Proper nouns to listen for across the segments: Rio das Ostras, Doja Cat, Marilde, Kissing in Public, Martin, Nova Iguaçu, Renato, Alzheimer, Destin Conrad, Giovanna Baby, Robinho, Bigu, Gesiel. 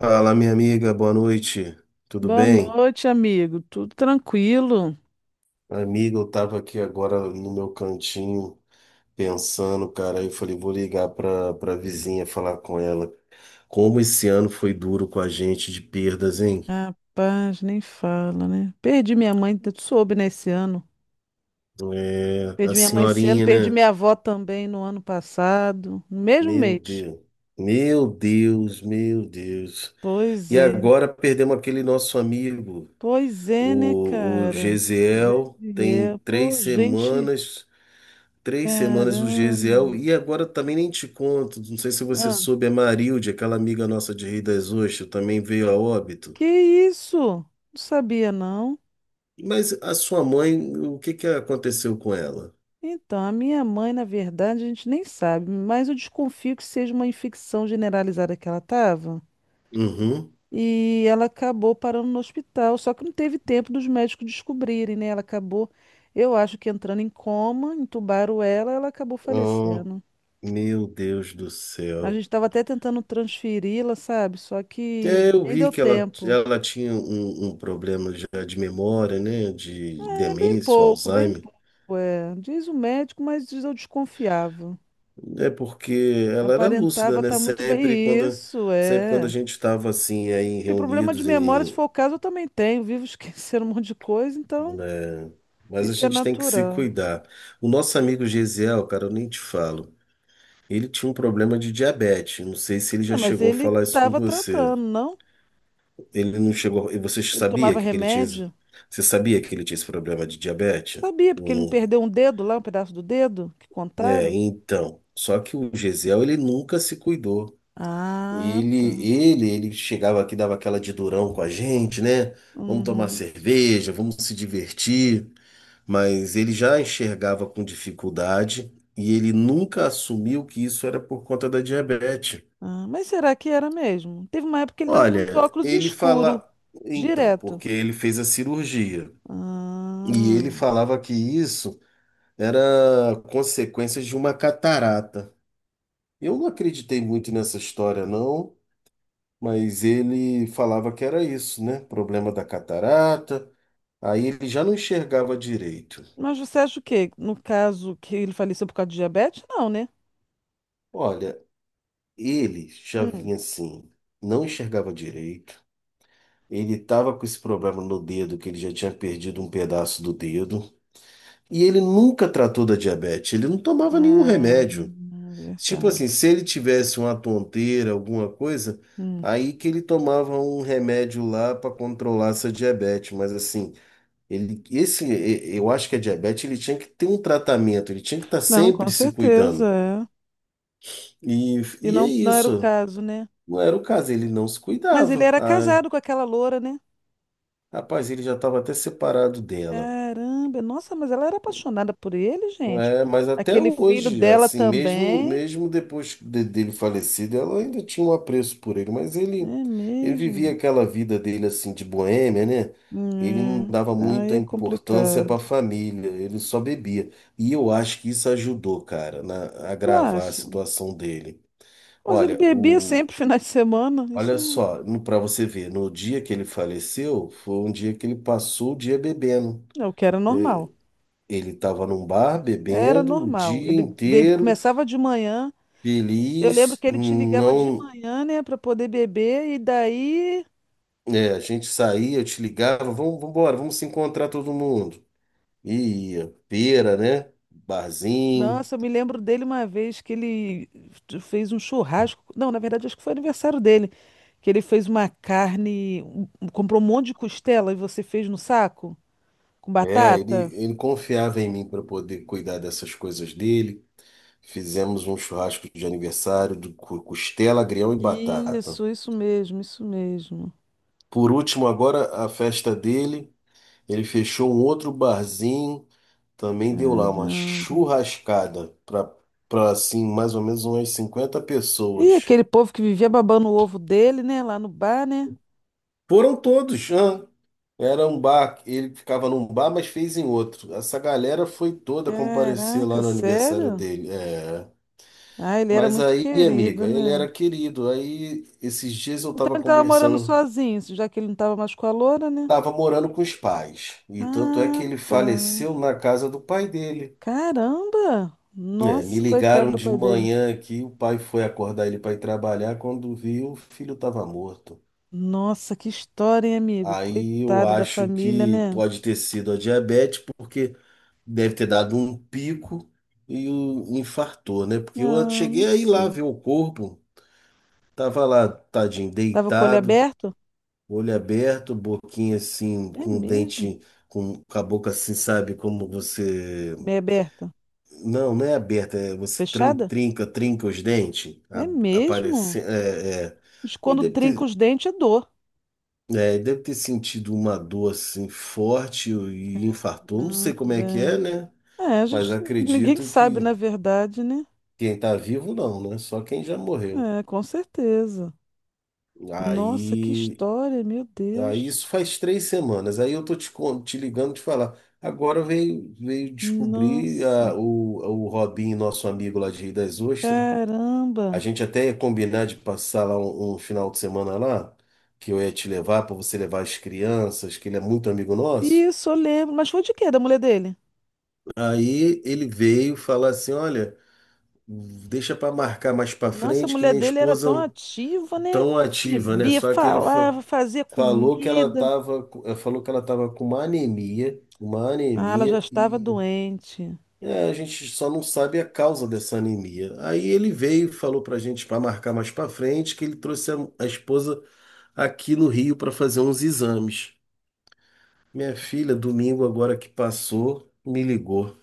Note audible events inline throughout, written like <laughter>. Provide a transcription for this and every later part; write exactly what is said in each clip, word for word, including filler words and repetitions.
Fala, minha amiga, boa noite. Tudo Boa bem? noite, amigo. Tudo tranquilo? Amiga, eu tava aqui agora no meu cantinho pensando, cara, aí eu falei, vou ligar pra, pra vizinha falar com ela. Como esse ano foi duro com a gente de perdas, hein? Rapaz, nem fala, né? Perdi minha mãe, tu soube, né, esse ano. É, a Perdi minha mãe esse ano, senhorinha, perdi né? minha avó também no ano passado, no mesmo Meu mês. Deus. Meu Deus, meu Deus. Pois E é, agora perdemos aquele nosso amigo, pois é, né, o, o cara? Gesiel, Gente, é, tem é. três Pô, gente, semanas. Três semanas o caramba. Gesiel, e agora também nem te conto, não sei se você Ah, soube, a Marilde, aquela amiga nossa de Rei das Ostras, também veio a que óbito. isso? Não sabia, não. Mas a sua mãe, o que que aconteceu com ela? Então, a minha mãe, na verdade, a gente nem sabe, mas eu desconfio que seja uma infecção generalizada que ela estava. Uhum. E ela acabou parando no hospital, só que não teve tempo dos médicos descobrirem, né? Ela acabou, eu acho que entrando em coma, entubaram ela, ela acabou Oh, falecendo. meu Deus do A céu. gente estava até tentando transferi-la, sabe? Só que É, eu nem vi deu que ela, tempo. ela tinha um, um problema já de memória, né, de É, bem demência, pouco, bem Alzheimer. pouco, é. Diz o médico, mas diz eu desconfiava. É porque ela era lúcida, Aparentava né? estar muito bem. Sempre quando, Isso, sempre quando a é. gente estava assim, aí Porque problema de reunidos memória, se em, for o caso, eu também tenho. Vivo <laughs> esquecendo um monte de coisa, então né? Mas a isso é gente tem que se natural. cuidar. O nosso amigo Gesiel, cara, eu nem te falo. Ele tinha um problema de diabetes. Não sei se ele já Não, mas chegou a ele falar isso com estava você. tratando, não? Ele não chegou. E você Ele sabia tomava que ele tinha. esse- remédio? Você sabia que ele tinha esse problema de diabetes? Sabia, porque ele não Eu perdeu um dedo lá, um pedaço do dedo que não- É, contaram? então. Só que o Gesiel, ele nunca se cuidou. Ah, Ele, tá. ele, ele chegava aqui, dava aquela de durão com a gente, né? Vamos tomar Uhum. cerveja, vamos se divertir. Mas ele já enxergava com dificuldade e ele nunca assumiu que isso era por conta da diabetes. Ah, mas será que era mesmo? Teve uma época que ele estava andando de Olha, óculos ele escuro, fala, então, direto. porque ele fez a cirurgia e ele Ah. falava que isso era consequência de uma catarata. Eu não acreditei muito nessa história, não, mas ele falava que era isso, né? Problema da catarata. Aí ele já não enxergava direito. Mas você acha o quê? No caso que ele faleceu por causa de diabetes? Não, né? Olha, ele já Hum. vinha assim, não enxergava direito. Ele estava com esse problema no dedo, que ele já tinha perdido um pedaço do dedo. E ele nunca tratou da diabetes, ele não tomava nenhum Ah, remédio. Tipo assim, verdade. se ele tivesse uma tonteira, alguma coisa, Hum. aí que ele tomava um remédio lá para controlar essa diabetes. Mas assim, ele, esse, e- eu acho que a diabetes ele tinha que ter um tratamento, ele tinha que estar Não, com sempre se certeza, cuidando. é. E, E e é não, não era o isso. caso, né? Não era o caso, ele não se Mas ele cuidava. era Ah, casado com aquela loura, né? rapaz, ele já estava até separado dela. Caramba, nossa, mas ela era apaixonada por ele, gente. É, mas até Aquele filho hoje, dela assim, mesmo também. mesmo depois de- dele falecido, ela ainda tinha um apreço por ele, mas ele É ele vivia mesmo? aquela vida dele assim de boêmia, né? Ele não É. dava Aí muita é importância complicado. para a família, ele só bebia. E eu acho que isso ajudou, cara, na, a Eu agravar a acho. situação dele. Mas ele Olha, bebia sempre <laughs> finais de semana. olha Isso só, para você ver, no dia que ele faleceu, foi um dia que ele passou o dia bebendo. é o que era normal. Ele estava num bar Era bebendo o normal. dia Ele bebe... inteiro, começava de manhã. Eu lembro feliz, que ele te ligava de não, manhã, né, para poder beber, e daí é, a gente saía, eu te ligava, vamos, vamos embora, vamos se encontrar todo mundo. E ia, feira, né? Barzinho. nossa, eu me lembro dele uma vez que ele fez um churrasco. Não, na verdade, acho que foi aniversário dele. Que ele fez uma carne, um- um, comprou um monte de costela e você fez no saco? Com É, batata? ele, ele confiava em mim para poder cuidar dessas coisas dele. Fizemos um churrasco de aniversário do cu- costela, agrião e batata. Isso, isso mesmo, isso mesmo. Por último, agora a festa dele, ele fechou um outro barzinho, também deu lá uma Caramba. churrascada para para assim, mais ou menos umas cinquenta E pessoas. aquele povo que vivia babando o ovo dele, né? Lá no bar, né? Foram todos, hã? Era um bar, ele ficava num bar, mas fez em outro. Essa galera foi toda comparecer Caraca, lá no aniversário sério? dele. É. Ah, ele era Mas muito aí, querido, amiga, ele né? era querido. Aí, esses dias eu Então tava ele tava morando conversando, sozinho, já que ele não tava mais com a loura, né? tava morando com os pais. E tanto é que Ah, ele tá. faleceu na casa do pai dele. Caramba! É, me Nossa, coitado ligaram do de pai dele. manhã aqui, o pai foi acordar ele para ir trabalhar, quando viu, o filho estava morto. Nossa, que história, hein, amigo? Aí eu Coitado da acho família, que né? pode ter sido a diabetes, porque deve ter dado um pico e o infartou, né? Porque eu Não, não cheguei aí lá sei. ver o corpo, tava lá, tadinho, Tava com o olho deitado, aberto? olho aberto, boquinha assim, É com o mesmo. dente, com, com a boca assim, sabe, como você. Meia aberta. Não, não é aberta, é você tran- Fechada? trinca, trinca os dentes, É a- aparece, mesmo. é, é. Mas E quando deve trinca ter, os dentes é dor. é, deve ter sentido uma dor assim forte e infartou. Não sei como é que é, Caramba. né? É, a Mas gente, <laughs> ninguém acredito sabe, que na verdade, né? quem tá vivo não, né? Só quem já morreu. É, com certeza. Nossa, que Aí, história, meu aí Deus. isso faz três semanas. Aí eu tô te, con- te ligando te falar. Agora veio, veio descobrir Nossa, a- o, o Robinho, nosso amigo lá de Rio das Ostras. A caramba. gente até ia combinar de passar lá um, um final de semana lá, que eu ia te levar para você levar as crianças, que ele é muito amigo nosso. Isso, eu lembro. Mas foi de quê? Da mulher dele? Aí ele veio falar assim, olha, deixa para marcar mais para Nossa, a frente que mulher minha dele era esposa tão ativa, né? tão ativa, né? Bebia, Só que ele fa- falava, fazia falou que ela comida. tava, co- eh, falou que ela tava com uma anemia, uma Ah, ela anemia já estava e doente. é, a gente só não sabe a causa dessa anemia. Aí ele veio e falou pra gente para marcar mais para frente que ele trouxe a a esposa aqui no Rio para fazer uns exames. Minha filha, domingo agora que passou, me ligou.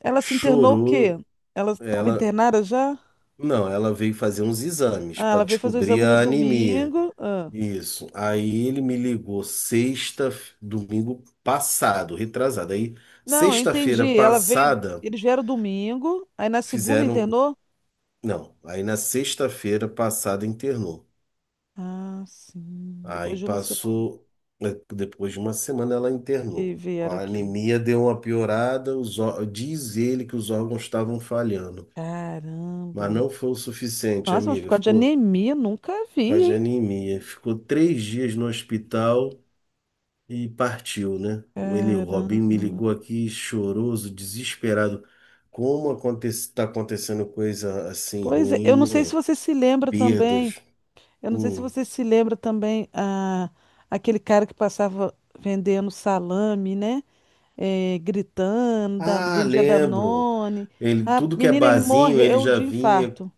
Ela se internou o quê? Chorou. Ela estava Ela, internada já? não, ela veio fazer uns exames Ah, para ela veio fazer o descobrir exame no a anemia. domingo. Ah. Isso. Aí ele me ligou sexta, domingo passado, retrasado. Aí Não, eu sexta-feira entendi. Ela veio, passada eles vieram domingo, aí na segunda fizeram, internou? não, aí na sexta-feira passada internou. Ah, sim. Depois Aí de uma semana passou, né, depois de uma semana ela que internou. Com vieram a aqui. anemia deu uma piorada, os, ó- diz ele que os órgãos estavam falhando, Caramba. mas não foi o suficiente, Nossa, mas por amiga. causa de Ficou anemia, nunca com a vi, de hein? anemia. Ficou três dias no hospital e partiu, né? O Ele, o Caramba. Robinho me ligou aqui choroso, desesperado. Como acontece, tá acontecendo coisa assim Pois é, eu não ruim, sei se né? você se lembra também. Perdas. Eu não sei se Hum. você se lembra também ah, aquele cara que passava vendendo salame, né? Eh, gritando, da- Ah, vendia lembro. Danone. Ele, A tudo que é menina, ele barzinho, ele morreu já de vinha. infarto.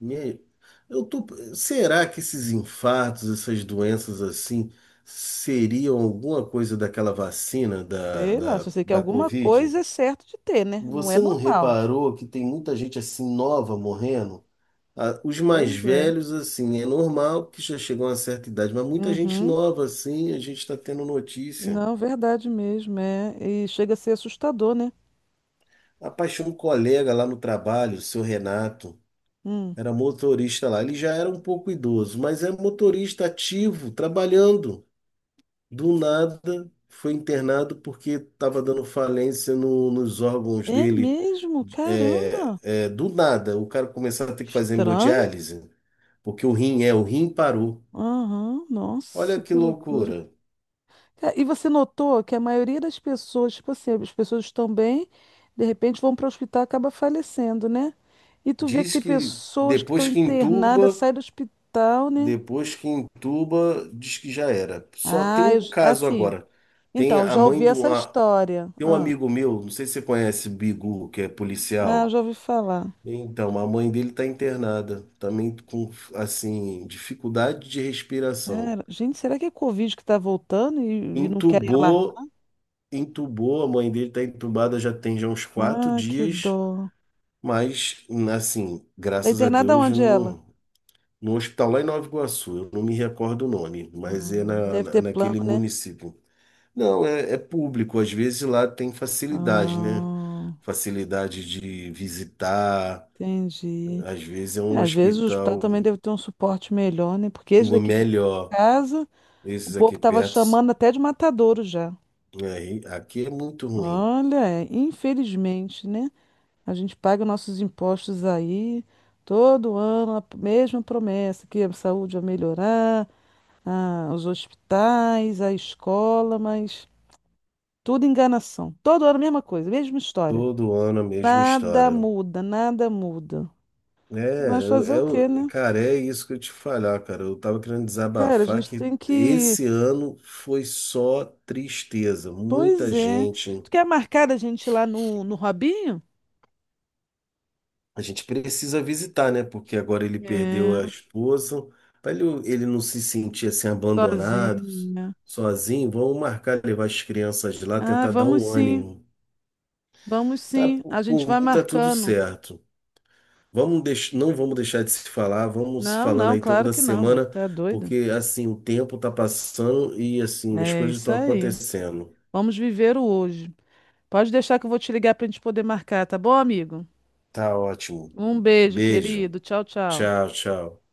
E aí, eu tô, será que esses infartos, essas doenças assim, seriam alguma coisa daquela vacina da, Sei lá, só da, sei que da alguma Covid? coisa é certo de ter, né? Não é Você não normal. reparou que tem muita gente assim nova morrendo? Ah, os mais Pois é. velhos, assim, é normal que já chegam a uma certa idade, mas muita gente Uhum. nova, assim, a gente está tendo notícia. Não, verdade mesmo, é. E chega a ser assustador, né? Rapaz, tinha um colega lá no trabalho, o seu Renato, Hum. era motorista lá. Ele já era um pouco idoso, mas é motorista ativo, trabalhando. Do nada foi internado porque estava dando falência no- nos órgãos É dele. mesmo? É, Caramba! é, do nada, o cara começava a ter que fazer Estranho? hemodiálise, porque o rim é, o rim parou. Aham, Olha nossa, que que loucura. loucura. É, e você notou que a maioria das pessoas, tipo assim, as pessoas estão bem, de repente vão para o hospital e acaba falecendo, né? E tu vê que Diz tem que pessoas que estão depois que internadas, entuba, saem do hospital, né? depois que entuba, diz que já era. Só tem Ah, um eu, j- caso assim, agora. Tem então, eu a já mãe ouvi de essa uma, história. tem um Ah, amigo meu, não sei se você conhece, Bigu, que é ah, eu policial. já ouvi falar. Então, a mãe dele está internada, também com, assim, dificuldade de respiração. Cara, gente, será que é Covid que tá voltando e, e não querem alarmar? Entubou, entubou, a mãe dele está entubada já tem já uns quatro Ah, que dias, dó. mas, assim, Tá graças a internada Deus, onde ela? no, no hospital lá em Nova Iguaçu, eu não me recordo o nome, mas Ah, é na, deve na- ter plano, naquele né? município. Não, é, é público, às vezes lá tem facilidade, né? Ah, Facilidade de visitar, entendi. às vezes é É, um às vezes o hospital também hospital deve ter um suporte melhor, né? Porque esse daqui perto de melhor. casa, o Esses povo aqui estava perto, chamando até de matadouro já. aí, aqui é muito ruim. Olha, é, infelizmente, né? A gente paga nossos impostos aí todo ano, a p- mesma promessa, que a saúde vai melhorar, ah, os hospitais, a escola, mas tudo enganação. Todo ano a mesma coisa, mesma história. Todo ano a mesma Nada história. muda, nada muda. É, Mas eu, fazer o quê, eu- né? cara, é isso que eu te falar, cara. Eu tava querendo Cara, a desabafar gente que tem que esse ano foi só tristeza. Muita pois é. gente. Tu quer marcar a gente lá no, no Robinho? A gente precisa visitar, né? Porque agora ele perdeu É, a esposa. Para ele, ele não se sentir assim abandonado, sozinho, né? sozinho, vamos marcar levar as crianças lá, Ah, tentar dar vamos um sim, ânimo. vamos Tá, sim. por A gente por vai mim tá tudo marcando. certo. Vamos deix... Não vamos deixar de se falar, vamos se Não, falando não, aí claro toda que não, amigo. semana, Tá doido? porque assim, o tempo tá passando e assim, as É coisas isso estão aí. acontecendo. Vamos viver o hoje. Pode deixar que eu vou te ligar pra gente poder marcar, tá bom, amigo? Tá ótimo. Um beijo, Beijo. querido. Tchau, tchau. Tchau, tchau.